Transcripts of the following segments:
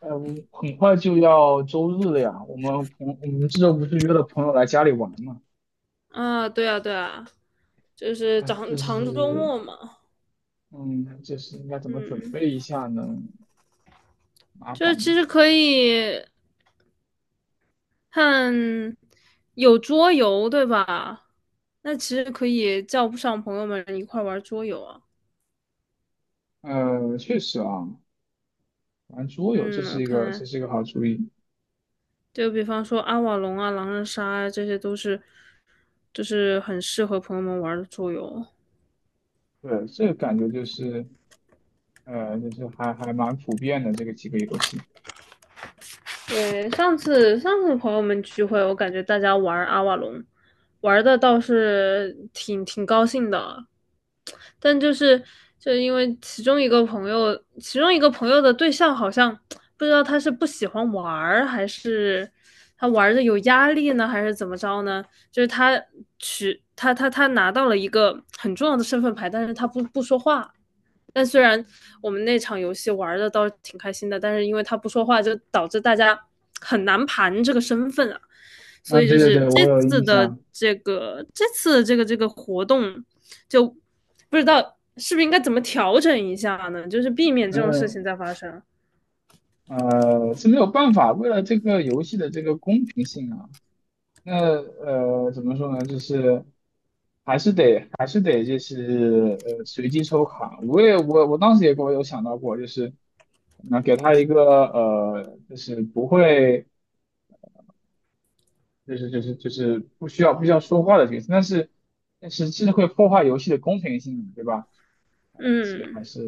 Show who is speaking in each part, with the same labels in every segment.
Speaker 1: 我很快就要周日了呀，我们这周不是约了朋友来家里玩嘛？
Speaker 2: 啊，对啊，对啊，就是
Speaker 1: 哎，这
Speaker 2: 周
Speaker 1: 是，
Speaker 2: 末嘛。
Speaker 1: 嗯，这是应该怎么准
Speaker 2: 嗯，
Speaker 1: 备一下呢？麻
Speaker 2: 就
Speaker 1: 烦
Speaker 2: 是
Speaker 1: 了。
Speaker 2: 其实可以看有桌游，对吧？那其实可以叫不上朋友们一块玩桌游啊。
Speaker 1: 确实啊，玩桌游这
Speaker 2: 嗯，
Speaker 1: 是
Speaker 2: 我
Speaker 1: 一个
Speaker 2: 看
Speaker 1: 这是一个好主意。
Speaker 2: 就比方说阿瓦隆啊、狼人杀啊，这些都是就是很适合朋友们玩的桌游。
Speaker 1: 对，这个感觉就是，就是还蛮普遍的这个几个游戏。
Speaker 2: 对，上次朋友们聚会，我感觉大家玩阿瓦隆，玩的倒是挺高兴的。但就是就因为其中一个朋友，其中一个朋友的对象好像不知道他是不喜欢玩儿，还是他玩的有压力呢，还是怎么着呢？就是他取他他他拿到了一个很重要的身份牌，但是他不说话，但虽然我们那场游戏玩的倒是挺开心的，但是因为他不说话，就导致大家很难盘这个身份啊。所
Speaker 1: 嗯，
Speaker 2: 以就
Speaker 1: 对对
Speaker 2: 是
Speaker 1: 对，
Speaker 2: 这
Speaker 1: 我有
Speaker 2: 次
Speaker 1: 印
Speaker 2: 的
Speaker 1: 象。
Speaker 2: 这个这次的这个这个活动，就不知道是不是应该怎么调整一下呢？就是避免这种事情
Speaker 1: 嗯，
Speaker 2: 再发生。
Speaker 1: 是没有办法，为了这个游戏的这个公平性啊，那怎么说呢？就是。还是得随机抽卡。我当时也给我有想到过，就是那给他一个就是不会就是不需要说话的角色，但是这是会破坏游戏的公平性的对吧？所以
Speaker 2: 嗯。
Speaker 1: 还是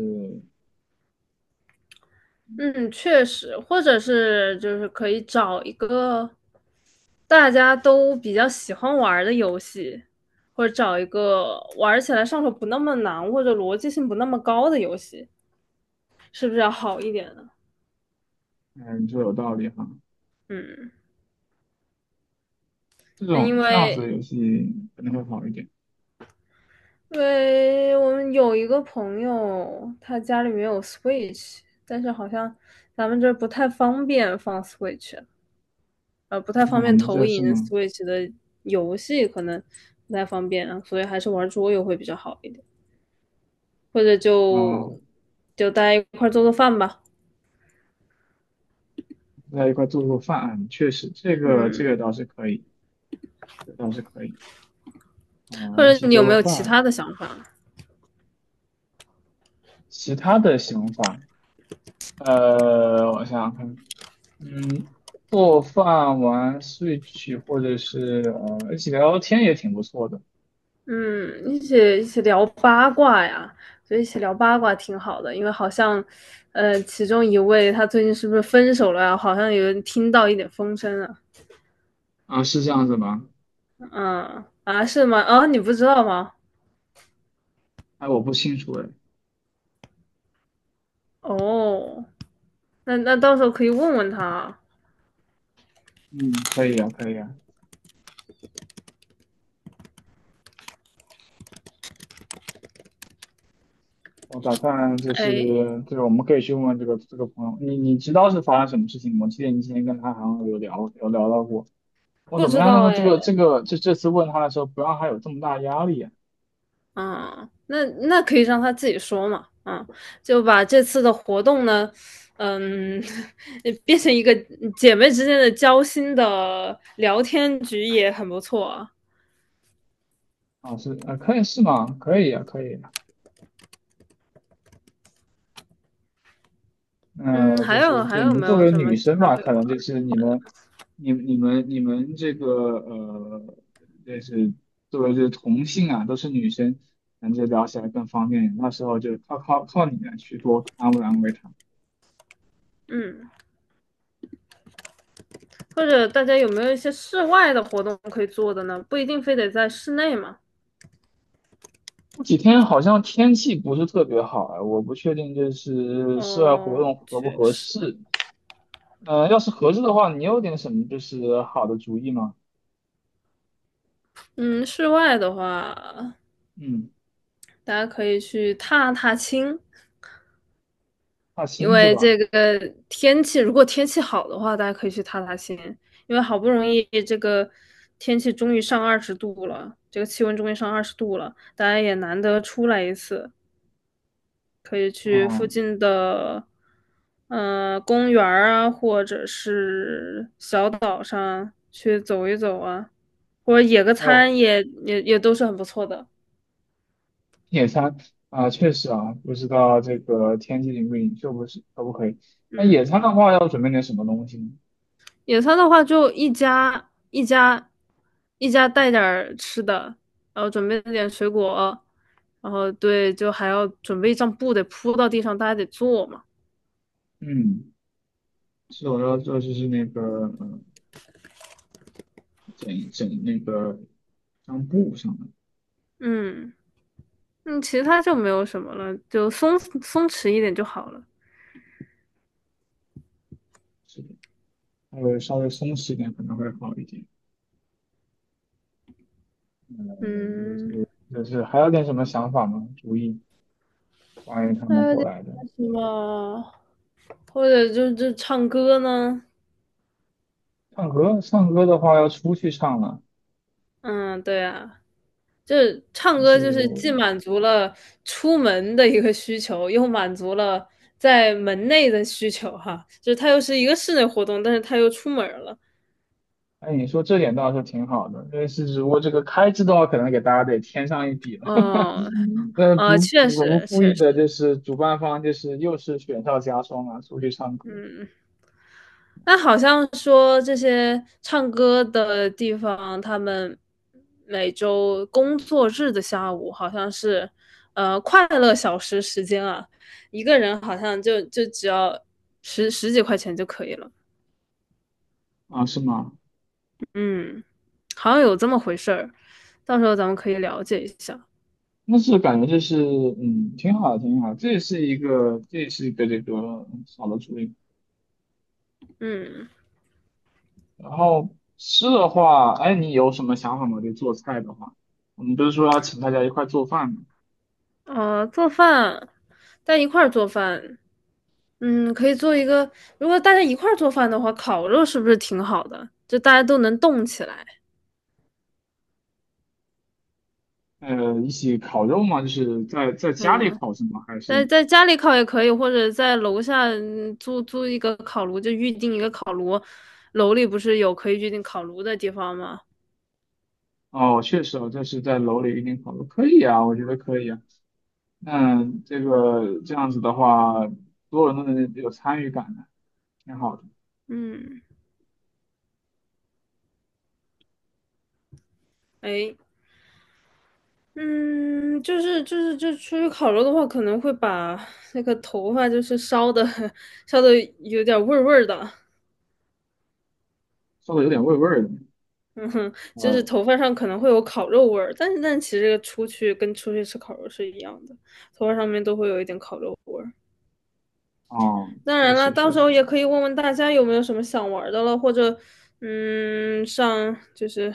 Speaker 2: 嗯，确实，或者是就是可以找一个大家都比较喜欢玩儿的游戏，或者找一个玩起来上手不那么难，或者逻辑性不那么高的游戏，是不是要好一点呢？
Speaker 1: 嗯你说有道理哈，
Speaker 2: 嗯。
Speaker 1: 这
Speaker 2: 那因
Speaker 1: 种这样子
Speaker 2: 为
Speaker 1: 的游戏可能会好一点。
Speaker 2: 我们有一个朋友，他家里面有 Switch,但是好像咱们这儿不太方便放 Switch。不太
Speaker 1: 那
Speaker 2: 方
Speaker 1: 我
Speaker 2: 便
Speaker 1: 们
Speaker 2: 投
Speaker 1: 这是
Speaker 2: 影
Speaker 1: 吗？
Speaker 2: Switch 的游戏，可能不太方便啊，所以还是玩桌游会比较好一点，或者就
Speaker 1: 啊
Speaker 2: 就大家一块做做饭吧。
Speaker 1: 在一块做做饭，确实这个
Speaker 2: 嗯，
Speaker 1: 倒是可以，这个倒是可以
Speaker 2: 或
Speaker 1: 啊一起
Speaker 2: 者你有
Speaker 1: 做
Speaker 2: 没
Speaker 1: 个
Speaker 2: 有其他
Speaker 1: 饭。
Speaker 2: 的想法？
Speaker 1: 其他的想法，我想想看，嗯，做饭、玩 Switch 或者是一起聊聊天也挺不错的。
Speaker 2: 嗯，一起聊八卦呀，所以一起聊八卦挺好的，因为好像其中一位他最近是不是分手了呀？好像有人听到一点风声啊。
Speaker 1: 啊，是这样子吗？
Speaker 2: 嗯啊，是吗？啊，你不知道吗？
Speaker 1: 哎，我不清楚哎。
Speaker 2: 哦，那那到时候可以问问他。
Speaker 1: 嗯，可以啊，可以啊。我打算就
Speaker 2: 哎。
Speaker 1: 是，对，我们可以去问问这个朋友，你知道是发生什么事情吗？我记得你之前跟他好像有聊到过。我
Speaker 2: 不
Speaker 1: 怎么
Speaker 2: 知
Speaker 1: 样让
Speaker 2: 道
Speaker 1: 他这
Speaker 2: 哎。
Speaker 1: 个这次问他的时候不让他有这么大压力啊？
Speaker 2: 啊，那那可以让他自己说嘛。啊，就把这次的活动呢，嗯，变成一个姐妹之间的交心的聊天局也很不错啊。
Speaker 1: 啊，是啊，可以是吗？可以啊，可以啊
Speaker 2: 嗯，
Speaker 1: 那就
Speaker 2: 还
Speaker 1: 是
Speaker 2: 有
Speaker 1: 对你们
Speaker 2: 没
Speaker 1: 作
Speaker 2: 有
Speaker 1: 为
Speaker 2: 什么
Speaker 1: 女
Speaker 2: 其
Speaker 1: 生
Speaker 2: 他
Speaker 1: 嘛，
Speaker 2: 可以
Speaker 1: 可
Speaker 2: 玩
Speaker 1: 能
Speaker 2: 儿
Speaker 1: 就是你
Speaker 2: 的？
Speaker 1: 们、你们这个呃，就是作为这个同性啊，都是女生，感觉聊起来更方便。那时候就靠你们去多安慰安慰她。
Speaker 2: 嗯，或者大家有没有一些室外的活动可以做的呢？不一定非得在室内嘛。
Speaker 1: 这几天好像天气不是特别好啊，我不确定就是室外活
Speaker 2: 哦，
Speaker 1: 动合不
Speaker 2: 确
Speaker 1: 合
Speaker 2: 实。
Speaker 1: 适。要是合适的话，你有点什么就是好的主意吗？
Speaker 2: 嗯，室外的话，
Speaker 1: 嗯，
Speaker 2: 大家可以去踏踏青。
Speaker 1: 踏
Speaker 2: 因
Speaker 1: 青是
Speaker 2: 为
Speaker 1: 吧？
Speaker 2: 这个天气，如果天气好的话，大家可以去踏踏青，因为好不容易这个天气终于上二十度了，这个气温终于上二十度了，大家也难得出来一次，可以去附
Speaker 1: 哦，
Speaker 2: 近的公园儿啊，或者是小岛上去走一走啊，或者野个
Speaker 1: 有。
Speaker 2: 餐也都是很不错的。
Speaker 1: 野餐啊，确实啊，不知道这个天气允不允许，不是可不可以？那野餐
Speaker 2: 嗯。
Speaker 1: 的话，要准备点什么东西呢？
Speaker 2: 野餐的话，就一家带点儿吃的，然后准备点水果，然后对，就还要准备一张布得铺到地上，大家得坐嘛。
Speaker 1: 嗯，是我要做就是那个，嗯，整整那个像布上的，
Speaker 2: 嗯。嗯，其他就没有什么了，就弛一点就好了。
Speaker 1: 是的，还有稍微松弛一点可能会好一点。嗯，就
Speaker 2: 嗯，
Speaker 1: 是就是还有点什么想法吗？主意关于他
Speaker 2: 还
Speaker 1: 们
Speaker 2: 有
Speaker 1: 过
Speaker 2: 点
Speaker 1: 来的
Speaker 2: 什么，或者就唱歌呢？
Speaker 1: 唱歌，唱歌的话要出去唱了，
Speaker 2: 嗯，对啊。就是唱
Speaker 1: 还
Speaker 2: 歌，
Speaker 1: 是
Speaker 2: 就是既满足了出门的一个需求，又满足了在门内的需求哈。就是它又是一个室内活动，但是它又出门了。
Speaker 1: 哎，你说这点倒是挺好的，但是只不过这个开支的话，可能给大家得添上一笔了。
Speaker 2: 哦。
Speaker 1: 嗯 那不，
Speaker 2: 确
Speaker 1: 我们
Speaker 2: 实
Speaker 1: 故
Speaker 2: 确
Speaker 1: 意的
Speaker 2: 实。
Speaker 1: 就是主办方就是又是雪上加霜啊，出去唱歌
Speaker 2: 嗯，那好像说这些唱歌的地方，他们每周工作日的下午好像是，快乐小时时间啊，一个人好像就只要十几块钱就可以了。
Speaker 1: 啊，是吗？
Speaker 2: 嗯，好像有这么回事儿，到时候咱们可以了解一下。
Speaker 1: 那是感觉就是嗯，挺好的挺好的这也是一个，这也是一个这个嗯小的主意。
Speaker 2: 嗯。
Speaker 1: 然后吃的话，哎，你有什么想法吗？就做菜的话，我们不是说要请大家一块做饭吗？
Speaker 2: 做饭，大家一块儿做饭。嗯，可以做一个，如果大家一块儿做饭的话，烤肉是不是挺好的？就大家都能动起来。
Speaker 1: 一起烤肉吗？就是在在家里
Speaker 2: 嗯，
Speaker 1: 烤是吗？还
Speaker 2: 在
Speaker 1: 是？
Speaker 2: 在家里烤也可以，或者在楼下嗯租一个烤炉，就预定一个烤炉。楼里不是有可以预定烤炉的地方吗？
Speaker 1: 哦，确实哦，这是在楼里一定考虑，可以啊，我觉得可以啊。那这个这样子的话，所有人都能有参与感的，挺好的。
Speaker 2: 嗯。哎。嗯，就是就出去烤肉的话，可能会把那个头发就是烧的 烧的有点味儿的。
Speaker 1: 说的有点味儿的，
Speaker 2: 嗯哼，就是
Speaker 1: 呃，
Speaker 2: 头发上可能会有烤肉味儿，但是但其实出去跟出去吃烤肉是一样的，头发上面都会有一点烤肉味儿。
Speaker 1: 哦，
Speaker 2: 当
Speaker 1: 确
Speaker 2: 然了，
Speaker 1: 实
Speaker 2: 到
Speaker 1: 确
Speaker 2: 时
Speaker 1: 实，
Speaker 2: 候也可以问问大家有没有什么想玩的了，或者嗯，上就是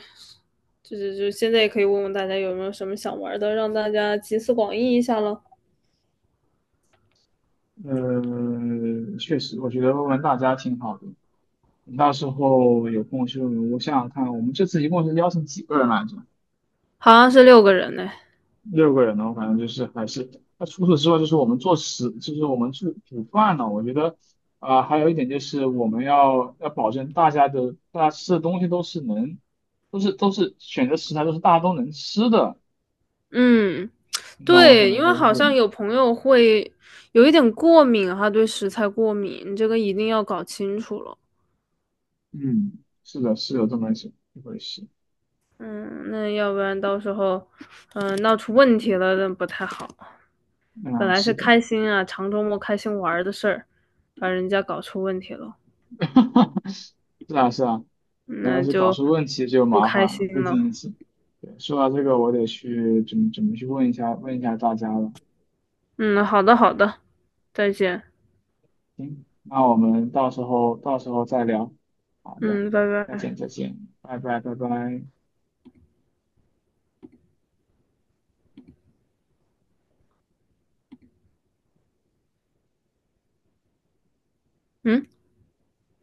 Speaker 2: 就现在也可以问问大家有没有什么想玩的，让大家集思广益一下了。
Speaker 1: 确实，我觉得问问大家挺好的。你到时候有空就，我想想看，我们这次一共是邀请几个人来着？
Speaker 2: 好像是6个人呢。
Speaker 1: 六个人呢，我反正就是还是，那除此之外，就是我们做食，就是我们去煮饭呢。我觉得，啊、还有一点就是我们要要保证大家的大家吃的东西都是能，都是选择食材都是大家都能吃的。
Speaker 2: 嗯，
Speaker 1: 你懂我什
Speaker 2: 对，
Speaker 1: 么意
Speaker 2: 因
Speaker 1: 思
Speaker 2: 为
Speaker 1: 就
Speaker 2: 好
Speaker 1: 是，
Speaker 2: 像有朋友会有一点过敏哈，对食材过敏，这个一定要搞清楚了。
Speaker 1: 嗯，是的，是有这么一回事。
Speaker 2: 嗯，那要不然到时候，嗯、闹出问题了那不太好。本
Speaker 1: 啊，
Speaker 2: 来是
Speaker 1: 是的，
Speaker 2: 开心啊，长周末开心玩儿的事儿，把人家搞出问题了，
Speaker 1: 是啊，是啊。原来
Speaker 2: 那
Speaker 1: 是搞
Speaker 2: 就
Speaker 1: 出问题就
Speaker 2: 不
Speaker 1: 麻
Speaker 2: 开
Speaker 1: 烦了，
Speaker 2: 心
Speaker 1: 不仅
Speaker 2: 了。
Speaker 1: 仅是。对，说到这个，我得去准备去问一下问一下大家了。
Speaker 2: 嗯，好的，好的，再见。
Speaker 1: 行，那我们到时候再聊。好的，
Speaker 2: 嗯，拜
Speaker 1: 再
Speaker 2: 拜。
Speaker 1: 见再见，拜拜拜拜。
Speaker 2: 嗯。